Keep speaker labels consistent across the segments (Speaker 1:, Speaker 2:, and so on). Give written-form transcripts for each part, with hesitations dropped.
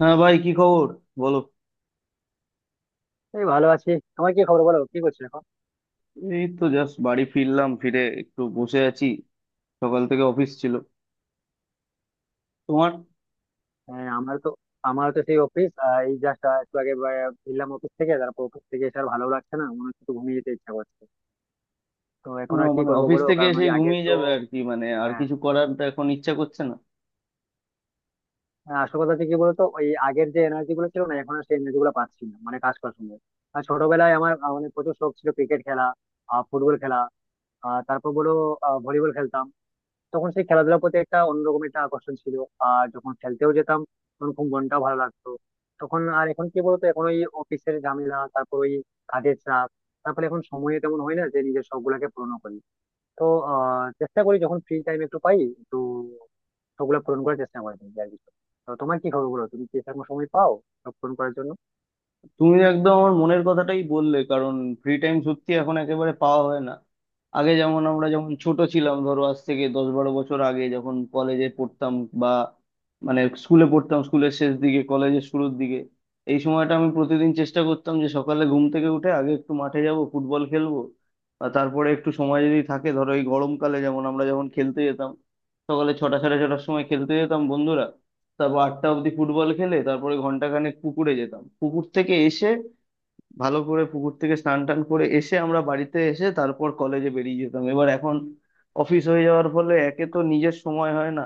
Speaker 1: হ্যাঁ ভাই, কি খবর? বলো।
Speaker 2: এই ভালো আছি। আমার কি খবর বলো, কি করছো এখন?
Speaker 1: এই তো জাস্ট বাড়ি ফিরলাম, ফিরে একটু বসে আছি। সকাল থেকে অফিস ছিল। তোমার?
Speaker 2: হ্যাঁ, আমার তো সেই অফিস। এই জাস্ট একটু আগে ফিরলাম অফিস থেকে, তারপর অফিস থেকে এসে আর ভালো লাগছে না, মনে হচ্ছে একটু ঘুমিয়ে যেতে ইচ্ছা করছে। তো এখন আর কি
Speaker 1: মানে,
Speaker 2: করবো
Speaker 1: অফিস
Speaker 2: বলো,
Speaker 1: থেকে
Speaker 2: কারণ
Speaker 1: এসে
Speaker 2: ওই আগের
Speaker 1: ঘুমিয়ে
Speaker 2: তো।
Speaker 1: যাবে আর কি, মানে আর
Speaker 2: হ্যাঁ,
Speaker 1: কিছু করার তো এখন ইচ্ছা করছে না।
Speaker 2: হ্যাঁ, আসল কথা হচ্ছে কি বলতো, ওই আগের যে এনার্জি গুলো ছিল, না এখন আর সেই এনার্জি গুলো পাচ্ছি না মানে কাজ করার সময়। আর ছোটবেলায় আমার অনেক প্রচুর শখ ছিল, ক্রিকেট খেলা, ফুটবল খেলা। তারপর বলো, ভলিবল খেলতাম। তখন সেই খেলাধুলার প্রতি একটা অন্যরকম একটা আকর্ষণ ছিল। আর যখন খেলতেও যেতাম তখন খুব মনটাও ভালো লাগতো। তখন আর এখন কি বলতো, এখন ওই অফিসের ঝামেলা, তারপর ওই কাজের চাপ, তারপরে এখন সময় তেমন হয় না যে নিজের শখ গুলাকে পূরণ করি। তো চেষ্টা করি, যখন ফ্রি টাইম একটু পাই একটু শখগুলা পূরণ করার চেষ্টা করি নিজে আর কি। তো তোমার কি খবর বলো, তুমি কি সেরকম সময় পাও সব পূরণ করার জন্য?
Speaker 1: তুমি একদম আমার মনের কথাটাই বললে, কারণ ফ্রি টাইম সত্যি এখন একেবারে পাওয়া হয় না। আগে যেমন আমরা যখন ছোট ছিলাম, ধরো আজ থেকে 10-12 বছর আগে যখন কলেজে পড়তাম, বা মানে স্কুলে পড়তাম, স্কুলের শেষ দিকে কলেজের শুরুর দিকে, এই সময়টা আমি প্রতিদিন চেষ্টা করতাম যে সকালে ঘুম থেকে উঠে আগে একটু মাঠে যাব, ফুটবল খেলবো। আর তারপরে একটু সময় যদি থাকে, ধরো এই গরমকালে যেমন আমরা যখন খেলতে যেতাম, সকালে ছটা সাড়ে ছটার সময় খেলতে যেতাম বন্ধুরা, তারপর আটটা অবধি ফুটবল খেলে, তারপরে ঘন্টাখানেক পুকুরে যেতাম। পুকুর থেকে এসে, ভালো করে পুকুর থেকে স্নান টান করে এসে আমরা বাড়িতে এসে তারপর কলেজে বেরিয়ে যেতাম। এবার এখন অফিস হয়ে যাওয়ার ফলে একে তো নিজের সময় হয় না,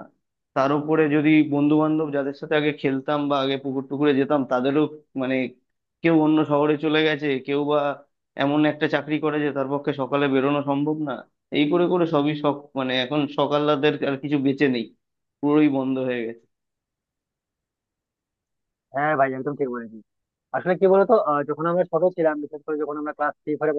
Speaker 1: তার উপরে যদি বন্ধু বান্ধব যাদের সাথে আগে খেলতাম বা আগে পুকুর টুকুরে যেতাম, তাদেরও মানে কেউ অন্য শহরে চলে গেছে, কেউ বা এমন একটা চাকরি করে যে তার পক্ষে সকালে বেরোনো সম্ভব না। এই করে করে সবই, সব মানে এখন সকাল রাতের আর কিছু বেঁচে নেই, পুরোই বন্ধ হয়ে গেছে।
Speaker 2: হ্যাঁ ভাই, একদম ঠিক বলেছি। আসলে কি বলতো, যখন আমরা ছোট ছিলাম, বিশেষ করে যখন আমরা ক্লাস থ্রি ফোরে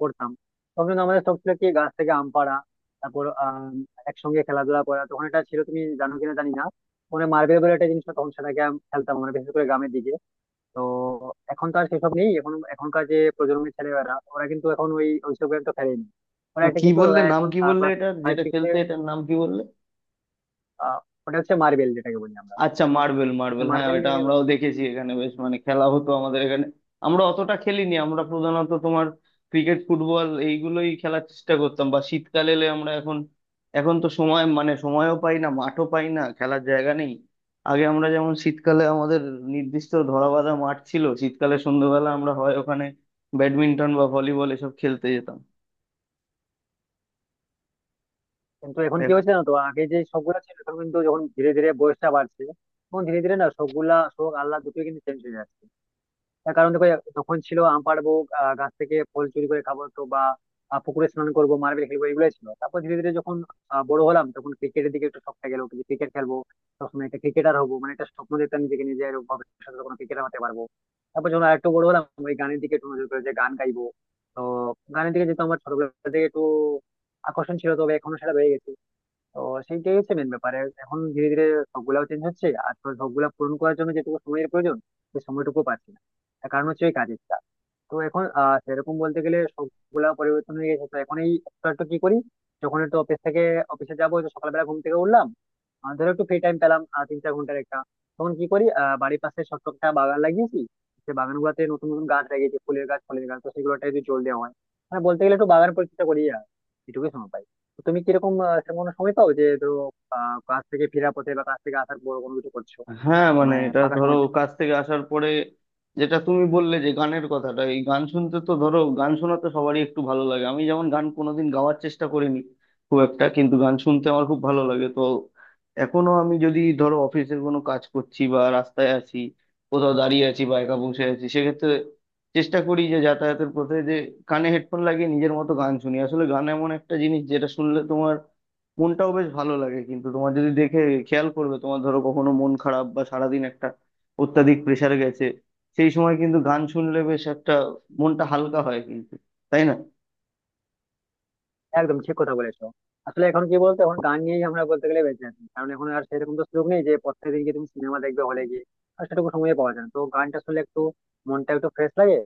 Speaker 2: পড়তাম, তখন কিন্তু আমাদের শখ ছিল কি গাছ থেকে আম পাড়া, তারপর আম, একসঙ্গে খেলাধুলা করা। তখন এটা ছিল, তুমি জানো কিনা জানি না, মানে মার্বেল বলে একটা জিনিস হতো, তখন সেটাকে খেলতাম আমরা, বিশেষ করে গ্রামের দিকে। তো এখন তো আর সেসব নেই। এখন এখনকার যে প্রজন্মের ছেলেমেয়েরা, ওরা কিন্তু এখন ওইসব গেম তো খেলেনি। ওরা
Speaker 1: না,
Speaker 2: একটা
Speaker 1: কি
Speaker 2: কিন্তু
Speaker 1: বললে?
Speaker 2: ওরা
Speaker 1: নাম
Speaker 2: এখন
Speaker 1: কি বললে
Speaker 2: ক্লাস
Speaker 1: এটার,
Speaker 2: ফাইভ
Speaker 1: যেটা
Speaker 2: সিক্স এ।
Speaker 1: খেলতে? এটার নাম কি বললে?
Speaker 2: আহ, ওটা হচ্ছে মার্বেল, যেটাকে বলি আমরা।
Speaker 1: আচ্ছা, মার্বেল,
Speaker 2: তো সে
Speaker 1: মার্বেল, হ্যাঁ
Speaker 2: মার্বেল
Speaker 1: এটা
Speaker 2: নিয়ে আমি।
Speaker 1: আমরাও দেখেছি, এখানে বেশ মানে খেলা হতো আমাদের এখানে। আমরা অতটা খেলিনি, আমরা প্রধানত তোমার ক্রিকেট ফুটবল এইগুলোই খেলার চেষ্টা করতাম, বা শীতকাল এলে আমরা এখন, এখন তো সময় মানে সময়ও পাই না, মাঠও পাই না, খেলার জায়গা নেই। আগে আমরা যেমন শীতকালে আমাদের নির্দিষ্ট ধরাবাঁধা মাঠ ছিল, শীতকালে সন্ধ্যেবেলা আমরা হয় ওখানে ব্যাডমিন্টন বা ভলিবল এসব খেলতে যেতাম।
Speaker 2: কিন্তু এখন কি হয়েছে না, তো আগে যে শখগুলা ছিল এখন কিন্তু যখন ধীরে ধীরে বয়সটা বাড়ছে তখন ধীরে ধীরে না শখগুলা শখ আল্লাহ দুটোই কিন্তু চেঞ্জ হয়ে যাচ্ছে। তার কারণ দেখো, তখন ছিল আম পাড়বো, গাছ থেকে ফল চুরি করে খাবো তো, বা পুকুরে স্নান করবো, মার্বেল খেলবো, এগুলোই ছিল। তারপর ধীরে ধীরে যখন বড় হলাম তখন ক্রিকেটের দিকে একটু শখটা গেলো যে ক্রিকেট খেলবো, সবসময় একটা ক্রিকেটার হবো, মানে একটা স্বপ্ন দেখতাম নিজেকে নিজে এরকম, ভবিষ্যতে কোনো ক্রিকেটার হতে পারবো। তারপর যখন আরেকটু বড় হলাম, ওই গানের দিকে একটু নজর গেলো যে গান গাইবো। তো গানের দিকে যেহেতু আমার ছোটবেলা থেকে একটু আকর্ষণ ছিল, তবে এখনো সেটা রয়ে গেছে। তো সেইটাই হচ্ছে মেন ব্যাপার। আর এখন ধীরে ধীরে সবগুলাও চেঞ্জ হচ্ছে, আর তো সবগুলা পূরণ করার জন্য যেটুকু সময়ের প্রয়োজন সেই সময়টুকু পাচ্ছি না। তার কারণ হচ্ছে ওই কাজের চাপ। তো এখন সেরকম বলতে গেলে সবগুলা পরিবর্তন হয়ে গেছে। তো এখন এই একটু একটু কি করি, যখন একটু অফিস থেকে অফিসে যাবো তো সকালবেলা ঘুম থেকে উঠলাম, ধরো একটু ফ্রি টাইম পেলাম, 3-4 ঘন্টার একটা, তখন কি করি, বাড়ির পাশে ছোট্ট একটা বাগান লাগিয়েছি। সে বাগান গুলাতে নতুন নতুন গাছ লাগিয়েছি, ফুলের গাছ, ফলের গাছ, তো সেগুলোটা যদি জল দেওয়া হয়, মানে বলতে গেলে একটু বাগান পরিচর্যা করি। আর এটুকুই সময় পাই। তো তুমি কিরকম, সেরকম কোনো সময় পাও যে ধরো কাজ থেকে ফেরার পথে বা কাজ থেকে আসার পর কোনো কিছু করছো,
Speaker 1: হ্যাঁ মানে
Speaker 2: মানে
Speaker 1: এটা
Speaker 2: ফাঁকা
Speaker 1: ধরো
Speaker 2: সময়?
Speaker 1: কাজ থেকে আসার পরে, যেটা তুমি বললে যে গানের কথাটা, এই গান শুনতে, তো ধরো গান শোনা তো সবারই একটু ভালো লাগে। আমি যেমন গান কোনোদিন গাওয়ার চেষ্টা করিনি খুব একটা, কিন্তু গান শুনতে আমার খুব ভালো লাগে। তো এখনো আমি যদি ধরো অফিসের কোনো কাজ করছি বা রাস্তায় আছি, কোথাও দাঁড়িয়ে আছি বা একা বসে আছি, সেক্ষেত্রে চেষ্টা করি যে যাতায়াতের পথে যে কানে হেডফোন লাগিয়ে নিজের মতো গান শুনি। আসলে গান এমন একটা জিনিস যেটা শুনলে তোমার মনটাও বেশ ভালো লাগে। কিন্তু তোমার যদি দেখে খেয়াল করবে, তোমার ধরো কখনো মন খারাপ বা সারাদিন একটা অত্যাধিক প্রেসার গেছে, সেই সময় কিন্তু গান শুনলে বেশ একটা মনটা হালকা হয়, কিন্তু, তাই না?
Speaker 2: একদম ঠিক কথা বলেছো। আসলে এখন কি বলতো, এখন গান নিয়েই আমরা বলতে গেলে বেঁচে আছি, কারণ এখন আর সেরকম তো সুযোগ নেই যে প্রত্যেকদিন গিয়ে তুমি সিনেমা দেখবে হলে গিয়ে। আর সেটুকু সময় পাওয়া যায় না, তো গানটা শুনলে একটু মনটা একটু ফ্রেশ লাগে।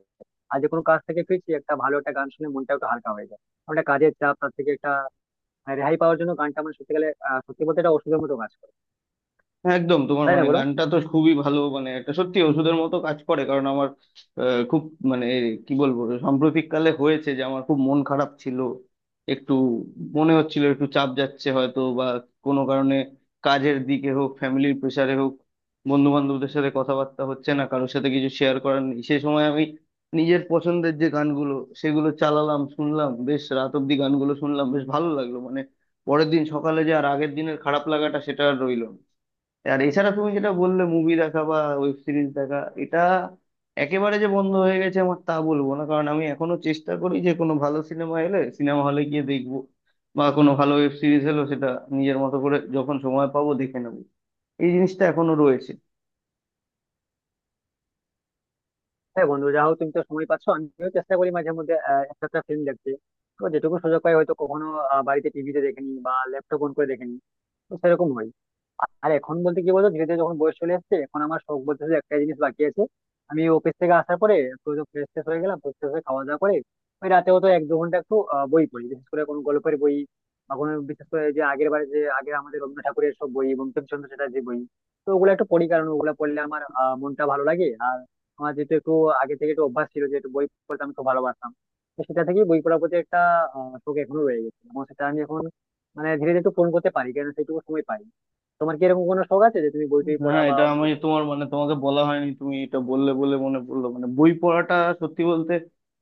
Speaker 2: আর যে কোনো কাজ থেকে ফিরছি, একটা ভালো একটা গান শুনে মনটা একটু হালকা হয়ে যায়। একটা কাজের চাপ, তার থেকে একটা রেহাই পাওয়ার জন্য গানটা মানে সত্যি গেলে, সত্যি বলতে এটা ওষুধের মতো কাজ করে।
Speaker 1: হ্যাঁ একদম, তোমার
Speaker 2: তাই না
Speaker 1: মানে
Speaker 2: বলো?
Speaker 1: গানটা তো খুবই ভালো, মানে একটা সত্যি ওষুধের মতো কাজ করে, কারণ আমার খুব, মানে কি বলবো, সাম্প্রতিক কালে হয়েছে যে আমার খুব মন খারাপ ছিল, একটু মনে হচ্ছিল একটু চাপ যাচ্ছে হয়তো বা কোনো কারণে, কাজের দিকে হোক, ফ্যামিলির প্রেশারে হোক, বন্ধু বান্ধবদের সাথে কথাবার্তা হচ্ছে না, কারোর সাথে কিছু শেয়ার করার নেই। সে সময় আমি নিজের পছন্দের যে গানগুলো, সেগুলো চালালাম, শুনলাম, বেশ রাত অব্দি গানগুলো শুনলাম, বেশ ভালো লাগলো, মানে পরের দিন সকালে যে আর আগের দিনের খারাপ লাগাটা সেটা আর রইলো না। আর এছাড়া তুমি যেটা বললে মুভি দেখা বা ওয়েব সিরিজ দেখা, এটা একেবারে যে বন্ধ হয়ে গেছে আমার তা বলবো না, কারণ আমি এখনো চেষ্টা করি যে কোনো ভালো সিনেমা এলে সিনেমা হলে গিয়ে দেখবো, বা কোনো ভালো ওয়েব সিরিজ এলো, সেটা নিজের মতো করে যখন সময় পাবো দেখে নেবো। এই জিনিসটা এখনো রয়েছে।
Speaker 2: হ্যাঁ বন্ধু, যা হোক, তুমি তো সময় পাচ্ছ। আমিও চেষ্টা করি মাঝে মধ্যে একটা একটা ফিল্ম দেখতে। তো যেটুকু সুযোগ পাই, হয়তো কখনো বাড়িতে টিভিতে দেখেনি বা ল্যাপটপ অন করে দেখেনি, তো সেরকম হয়। আর এখন বলতে কি বলতো, ধীরে ধীরে যখন বয়স চলে আসছে, এখন আমার শখ বলতে শুধু একটাই জিনিস বাকি আছে। আমি অফিস থেকে আসার পরে একটু ফ্রেশ ট্রেশ হয়ে গেলাম, ফ্রেশ ট্রেশ হয়ে খাওয়া দাওয়া করে ওই রাতেও তো 1-2 ঘন্টা একটু বই পড়ি, বিশেষ করে কোনো গল্পের বই, বা কোনো বিশেষ করে যে আগের বারে যে আগে আমাদের রবীন্দ্রনাথ ঠাকুরের সব বই, বঙ্কিমচন্দ্র চ্যাটার্জির বই, তো ওগুলো একটু পড়ি, কারণ ওগুলো পড়লে আমার মনটা ভালো লাগে। আর আমার যেহেতু একটু আগে থেকে একটু অভ্যাস ছিল যে একটু বই পড়তে আমি খুব ভালোবাসতাম, তো সেটা থেকেই বই পড়ার প্রতি একটা শখ এখনো রয়ে গেছে, এবং সেটা আমি এখন মানে ধীরে ধীরে একটু পূরণ করতে পারি কেন সেইটুকু সময় পাই। তোমার কি এরকম কোনো শখ আছে যে তুমি বই টই পড়া
Speaker 1: হ্যাঁ,
Speaker 2: বা
Speaker 1: এটা
Speaker 2: অন্য
Speaker 1: আমি
Speaker 2: কিছু?
Speaker 1: তোমার মানে তোমাকে বলা হয়নি, তুমি এটা বললে বলে মনে পড়লো, মানে বই পড়াটা, সত্যি বলতে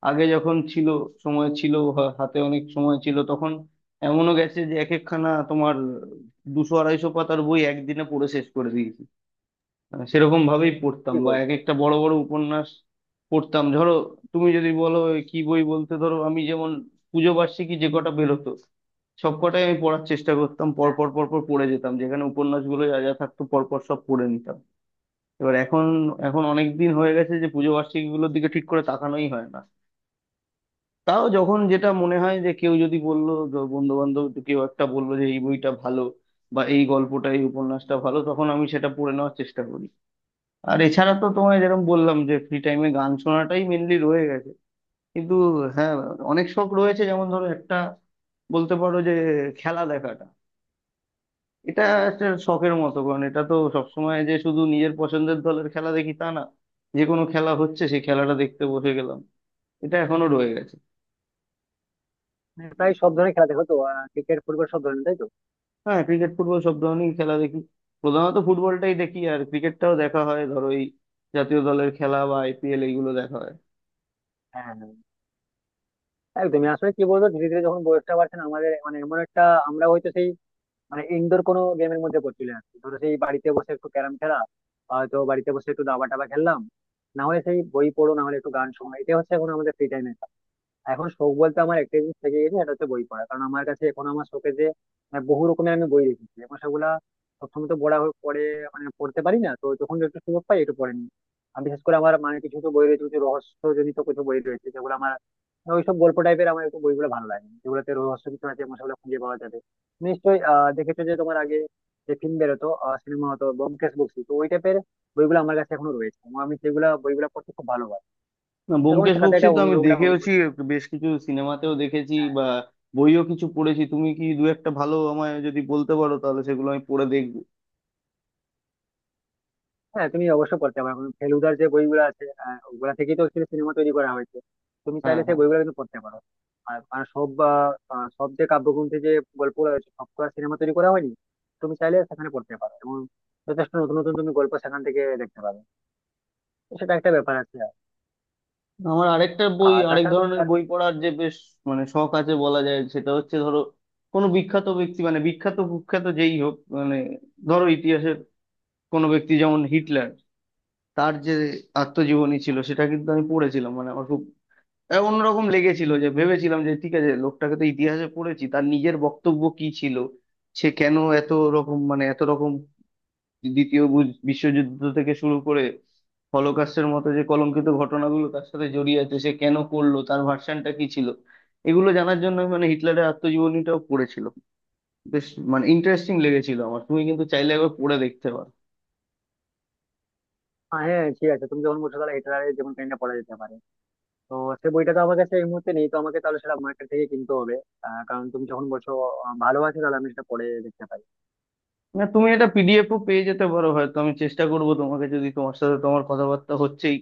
Speaker 1: আগে যখন ছিল, সময় ছিল, হাতে অনেক সময় ছিল তখন, এমনও গেছে যে এক একখানা তোমার 200-250 পাতার বই একদিনে পড়ে শেষ করে দিয়েছি, সেরকম ভাবেই পড়তাম,
Speaker 2: কি
Speaker 1: বা
Speaker 2: বলছো?
Speaker 1: এক একটা বড় বড় উপন্যাস পড়তাম। ধরো তুমি যদি বলো এ কি বই বলতে, ধরো আমি যেমন পুজো বার্ষিকী যে কটা বেরোতো সব কটাই আমি পড়ার চেষ্টা করতাম, পর
Speaker 2: হ্যাঁ,
Speaker 1: পর পর পর পড়ে যেতাম, যেখানে উপন্যাসগুলো যা যা থাকতো পর পর সব পড়ে নিতাম। এবার এখন এখন অনেক দিন হয়ে গেছে যে পুজো বার্ষিকীগুলোর দিকে ঠিক করে তাকানোই হয় না। তাও যখন যেটা মনে হয় যে কেউ যদি বললো, বন্ধু বান্ধব কেউ একটা বললো যে এই বইটা ভালো বা এই গল্পটা এই উপন্যাসটা ভালো, তখন আমি সেটা পড়ে নেওয়ার চেষ্টা করি। আর এছাড়া তো তোমায় যেরকম বললাম যে ফ্রি টাইমে গান শোনাটাই মেনলি রয়ে গেছে, কিন্তু হ্যাঁ, অনেক শখ রয়েছে, যেমন ধরো একটা বলতে পারো যে খেলা দেখাটা, এটা একটা শখের মতো, কারণ এটা তো সবসময় যে শুধু নিজের পছন্দের দলের খেলা দেখি তা না, যে কোনো খেলা হচ্ছে সেই খেলাটা দেখতে বসে গেলাম, এটা এখনো রয়ে গেছে।
Speaker 2: মানে প্রায় সব ধরনের খেলা দেখো তো, ক্রিকেট ফুটবল সব ধরনের, তাই তো?
Speaker 1: হ্যাঁ, ক্রিকেট ফুটবল সব ধরনেরই খেলা দেখি, প্রধানত ফুটবলটাই দেখি, আর ক্রিকেটটাও দেখা হয় ধরো এই জাতীয় দলের খেলা বা IPL, এইগুলো দেখা হয়।
Speaker 2: হ্যাঁ, হ্যাঁ, একদমই। আসলে কি বলবো, ধীরে ধীরে যখন বয়সটা বাড়ছে না আমাদের, মানে এমন একটা, আমরা হয়তো সেই মানে ইনডোর কোনো গেমের মধ্যে পড়ে চলে আসছি, ধরো সেই বাড়িতে বসে একটু ক্যারাম খেলা, হয়তো বাড়িতে বসে একটু দাবা টাবা খেললাম, না হলে সেই বই পড়ো, না হলে একটু গান শোনা, এটা হচ্ছে এখন আমাদের ফ্রি টাইম। এখন শখ বলতে আমার একটা জিনিস থেকে গেছে, সেটা হচ্ছে বই পড়া, কারণ আমার কাছে এখন আমার শখে যে বহু রকমের আমি বই রেখেছি এখন, সেগুলা সবসময় তো পড়া পড়ে মানে পড়তে পারি না, তো যখন একটু সুযোগ পাই একটু পড়ে নিই। আমি বিশেষ করে আমার মানে কিছু কিছু বই রয়েছে, কিছু রহস্যজনিত কিছু বই রয়েছে যেগুলো আমার মানে ওইসব গল্প টাইপের, আমার একটু বইগুলো ভালো লাগে যেগুলোতে রহস্য কিছু আছে এবং সেগুলো খুঁজে পাওয়া যাবে নিশ্চয়ই। দেখেছো যে তোমার আগে যে ফিল্ম বেরোতো, সিনেমা হতো, ব্যোমকেশ বক্সী, তো ওই টাইপের বইগুলো আমার কাছে এখনো রয়েছে এবং আমি সেগুলো বইগুলো পড়তে খুব ভালোবাসি,
Speaker 1: না,
Speaker 2: কারণ
Speaker 1: ব্যোমকেশ
Speaker 2: সেখানে
Speaker 1: বক্সী
Speaker 2: একটা
Speaker 1: তো আমি
Speaker 2: অন্যরকম একটা
Speaker 1: দেখেওছি,
Speaker 2: অনুভূতি।
Speaker 1: বেশ কিছু সিনেমাতেও দেখেছি, বা বইও কিছু পড়েছি। তুমি কি দু একটা ভালো আমায় যদি বলতে পারো, তাহলে সেগুলো আমি পড়ে দেখবো।
Speaker 2: হ্যাঁ তুমি অবশ্যই পড়তে পারো, কারণ ফেলুদার যে বইগুলো আছে, ওগুলা থেকেই তো অ্যাকচুয়ালি সিনেমা তৈরি করা হয়েছে। তুমি
Speaker 1: হ্যাঁ,
Speaker 2: চাইলে সেই
Speaker 1: হ্যাঁ।
Speaker 2: বইগুলো কিন্তু পড়তে পারো। আর আর সব যে কাব্যগ্রন্থে যে গল্পগুলো রয়েছে, সব তো আর সিনেমা তৈরি করা হয়নি। তুমি চাইলে সেখানে পড়তে পারো এবং যথেষ্ট নতুন নতুন তুমি গল্প সেখান থেকে দেখতে পাবে। তো সেটা একটা ব্যাপার আছে।
Speaker 1: আমার আরেকটা বই,
Speaker 2: আর
Speaker 1: আরেক
Speaker 2: তাছাড়া তুমি
Speaker 1: ধরনের
Speaker 2: আর
Speaker 1: বই পড়ার যে বেশ মানে শখ আছে বলা যায়, সেটা হচ্ছে ধরো কোনো বিখ্যাত ব্যক্তি, মানে বিখ্যাত কুখ্যাত যেই হোক, মানে ধরো ইতিহাসের কোনো ব্যক্তি যেমন হিটলার, তার যে আত্মজীবনী ছিল সেটা কিন্তু আমি পড়েছিলাম। মানে আমার খুব অন্যরকম লেগেছিল, যে ভেবেছিলাম যে ঠিক আছে, লোকটাকে তো ইতিহাসে পড়েছি, তার নিজের বক্তব্য কি ছিল, সে কেন এত রকম দ্বিতীয় বিশ্বযুদ্ধ থেকে শুরু করে হলোকাস্টের মতো যে কলঙ্কিত ঘটনাগুলো তার সাথে জড়িয়ে আছে, সে কেন করলো, তার ভার্সনটা কি ছিল, এগুলো জানার জন্য আমি মানে হিটলারের আত্মজীবনীটাও পড়েছিল। বেশ মানে ইন্টারেস্টিং লেগেছিল আমার, তুমি কিন্তু চাইলে একবার পড়ে দেখতে পারো।
Speaker 2: হ্যাঁ, ঠিক আছে, তুমি যখন বলছো তাহলে হিটলারের যেমন কাহিনীটা পড়া যেতে পারে। তো সেই বইটা তো আমার কাছে এই মুহূর্তে নেই, তো আমাকে তাহলে সেটা মার্কেট থেকে কিনতে হবে। কারণ তুমি যখন বলছো ভালো আছে, তাহলে আমি সেটা পড়ে দেখতে পারি।
Speaker 1: না, তুমি এটা PDF ও পেয়ে যেতে পারো হয়তো, আমি চেষ্টা করব তোমাকে, যদি তোমার সাথে তোমার কথাবার্তা হচ্ছেই,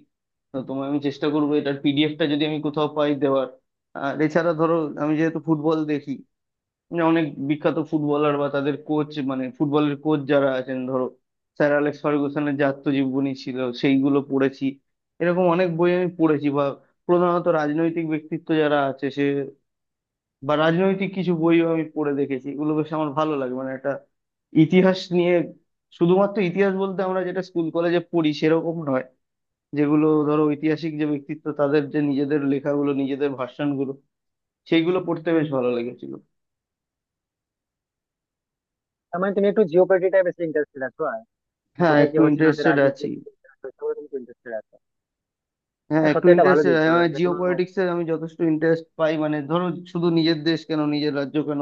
Speaker 1: তো তোমায় আমি চেষ্টা করবো এটার PDFটা যদি আমি কোথাও পাই দেওয়ার। আর এছাড়া ধরো আমি যেহেতু ফুটবল দেখি, মানে অনেক বিখ্যাত ফুটবলার বা তাদের কোচ, মানে ফুটবলের কোচ যারা আছেন, ধরো স্যার অ্যালেক্স ফার্গুসনের যে আত্মজীবনী ছিল সেইগুলো পড়েছি। এরকম অনেক বই আমি পড়েছি, বা প্রধানত রাজনৈতিক ব্যক্তিত্ব যারা আছে সে, বা রাজনৈতিক কিছু বইও আমি পড়ে দেখেছি। এগুলো বেশ আমার ভালো লাগে, মানে একটা ইতিহাস নিয়ে, শুধুমাত্র ইতিহাস বলতে আমরা যেটা স্কুল কলেজে পড়ি সেরকম নয়, যেগুলো ধরো ঐতিহাসিক যে ব্যক্তিত্ব তাদের যে নিজেদের লেখাগুলো, নিজেদের ভাষণগুলো, সেইগুলো পড়তে বেশ ভালো লেগেছিল।
Speaker 2: তার মানে তুমি একটু জিওপলিটিক্যাল বেশি ইন্টারেস্টেড আছো আর, মানে
Speaker 1: হ্যাঁ
Speaker 2: কোথায় কি
Speaker 1: একটু
Speaker 2: হচ্ছে না হচ্ছে,
Speaker 1: ইন্টারেস্টেড
Speaker 2: রাজনীতিতে
Speaker 1: আছি,
Speaker 2: কি হচ্ছে না হচ্ছে, এসবে তুমি ইন্টারেস্টেড আছো?
Speaker 1: হ্যাঁ
Speaker 2: হ্যাঁ
Speaker 1: একটু
Speaker 2: সত্যি এটা ভালো
Speaker 1: ইন্টারেস্ট।
Speaker 2: দিক তো, যে
Speaker 1: জিও
Speaker 2: কোনো,
Speaker 1: পলিটিক্সে আমি যথেষ্ট ইন্টারেস্ট পাই, মানে ধরো শুধু নিজের দেশ কেন, নিজের রাজ্য কেন,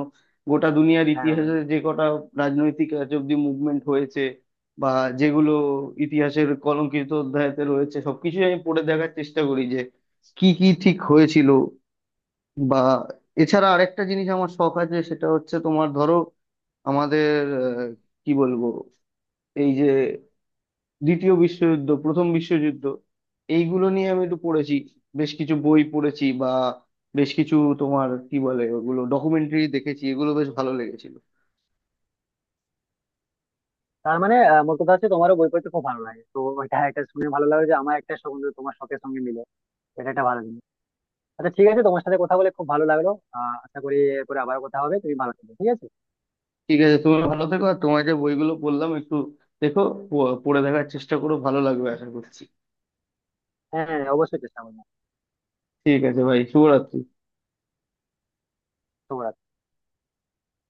Speaker 1: গোটা দুনিয়ার
Speaker 2: হ্যাঁ,
Speaker 1: ইতিহাসে যে কটা রাজনৈতিক আজ অব্দি মুভমেন্ট হয়েছে, বা যেগুলো ইতিহাসের কলঙ্কিত অধ্যায়তে রয়েছে, সবকিছু আমি পড়ে দেখার চেষ্টা করি যে কি কি ঠিক হয়েছিল। বা এছাড়া আরেকটা জিনিস আমার শখ আছে, সেটা হচ্ছে তোমার ধরো আমাদের কি বলবো, এই যে দ্বিতীয় বিশ্বযুদ্ধ, প্রথম বিশ্বযুদ্ধ, এইগুলো নিয়ে আমি একটু পড়েছি, বেশ কিছু বই পড়েছি, বা বেশ কিছু তোমার কি বলে ওগুলো ডকুমেন্টারি দেখেছি, এগুলো বেশ ভালো লেগেছিল।
Speaker 2: তার মানে মোট কথা হচ্ছে তোমারও বই পড়তে খুব ভালো লাগে তো। এটা এটা শুনে ভালো লাগলো যে আমার একটা সঙ্গে তোমার শখের সঙ্গে মিলে, এটা একটা ভালো জিনিস। আচ্ছা ঠিক আছে, তোমার সাথে কথা বলে খুব ভালো লাগলো। আশা করি এরপরে আবার কথা হবে। তুমি ভালো থেকো, ঠিক আছে?
Speaker 1: ঠিক আছে, তুমি ভালো থেকো, আর তোমার যে বইগুলো বললাম একটু দেখো, পড়ে দেখার চেষ্টা করো, ভালো লাগবে আশা করছি।
Speaker 2: হ্যাঁ, হ্যাঁ, অবশ্যই চেষ্টা করবো।
Speaker 1: ঠিক আছে ভাই, শুভরাত্রি।
Speaker 2: শুভরাত্রি।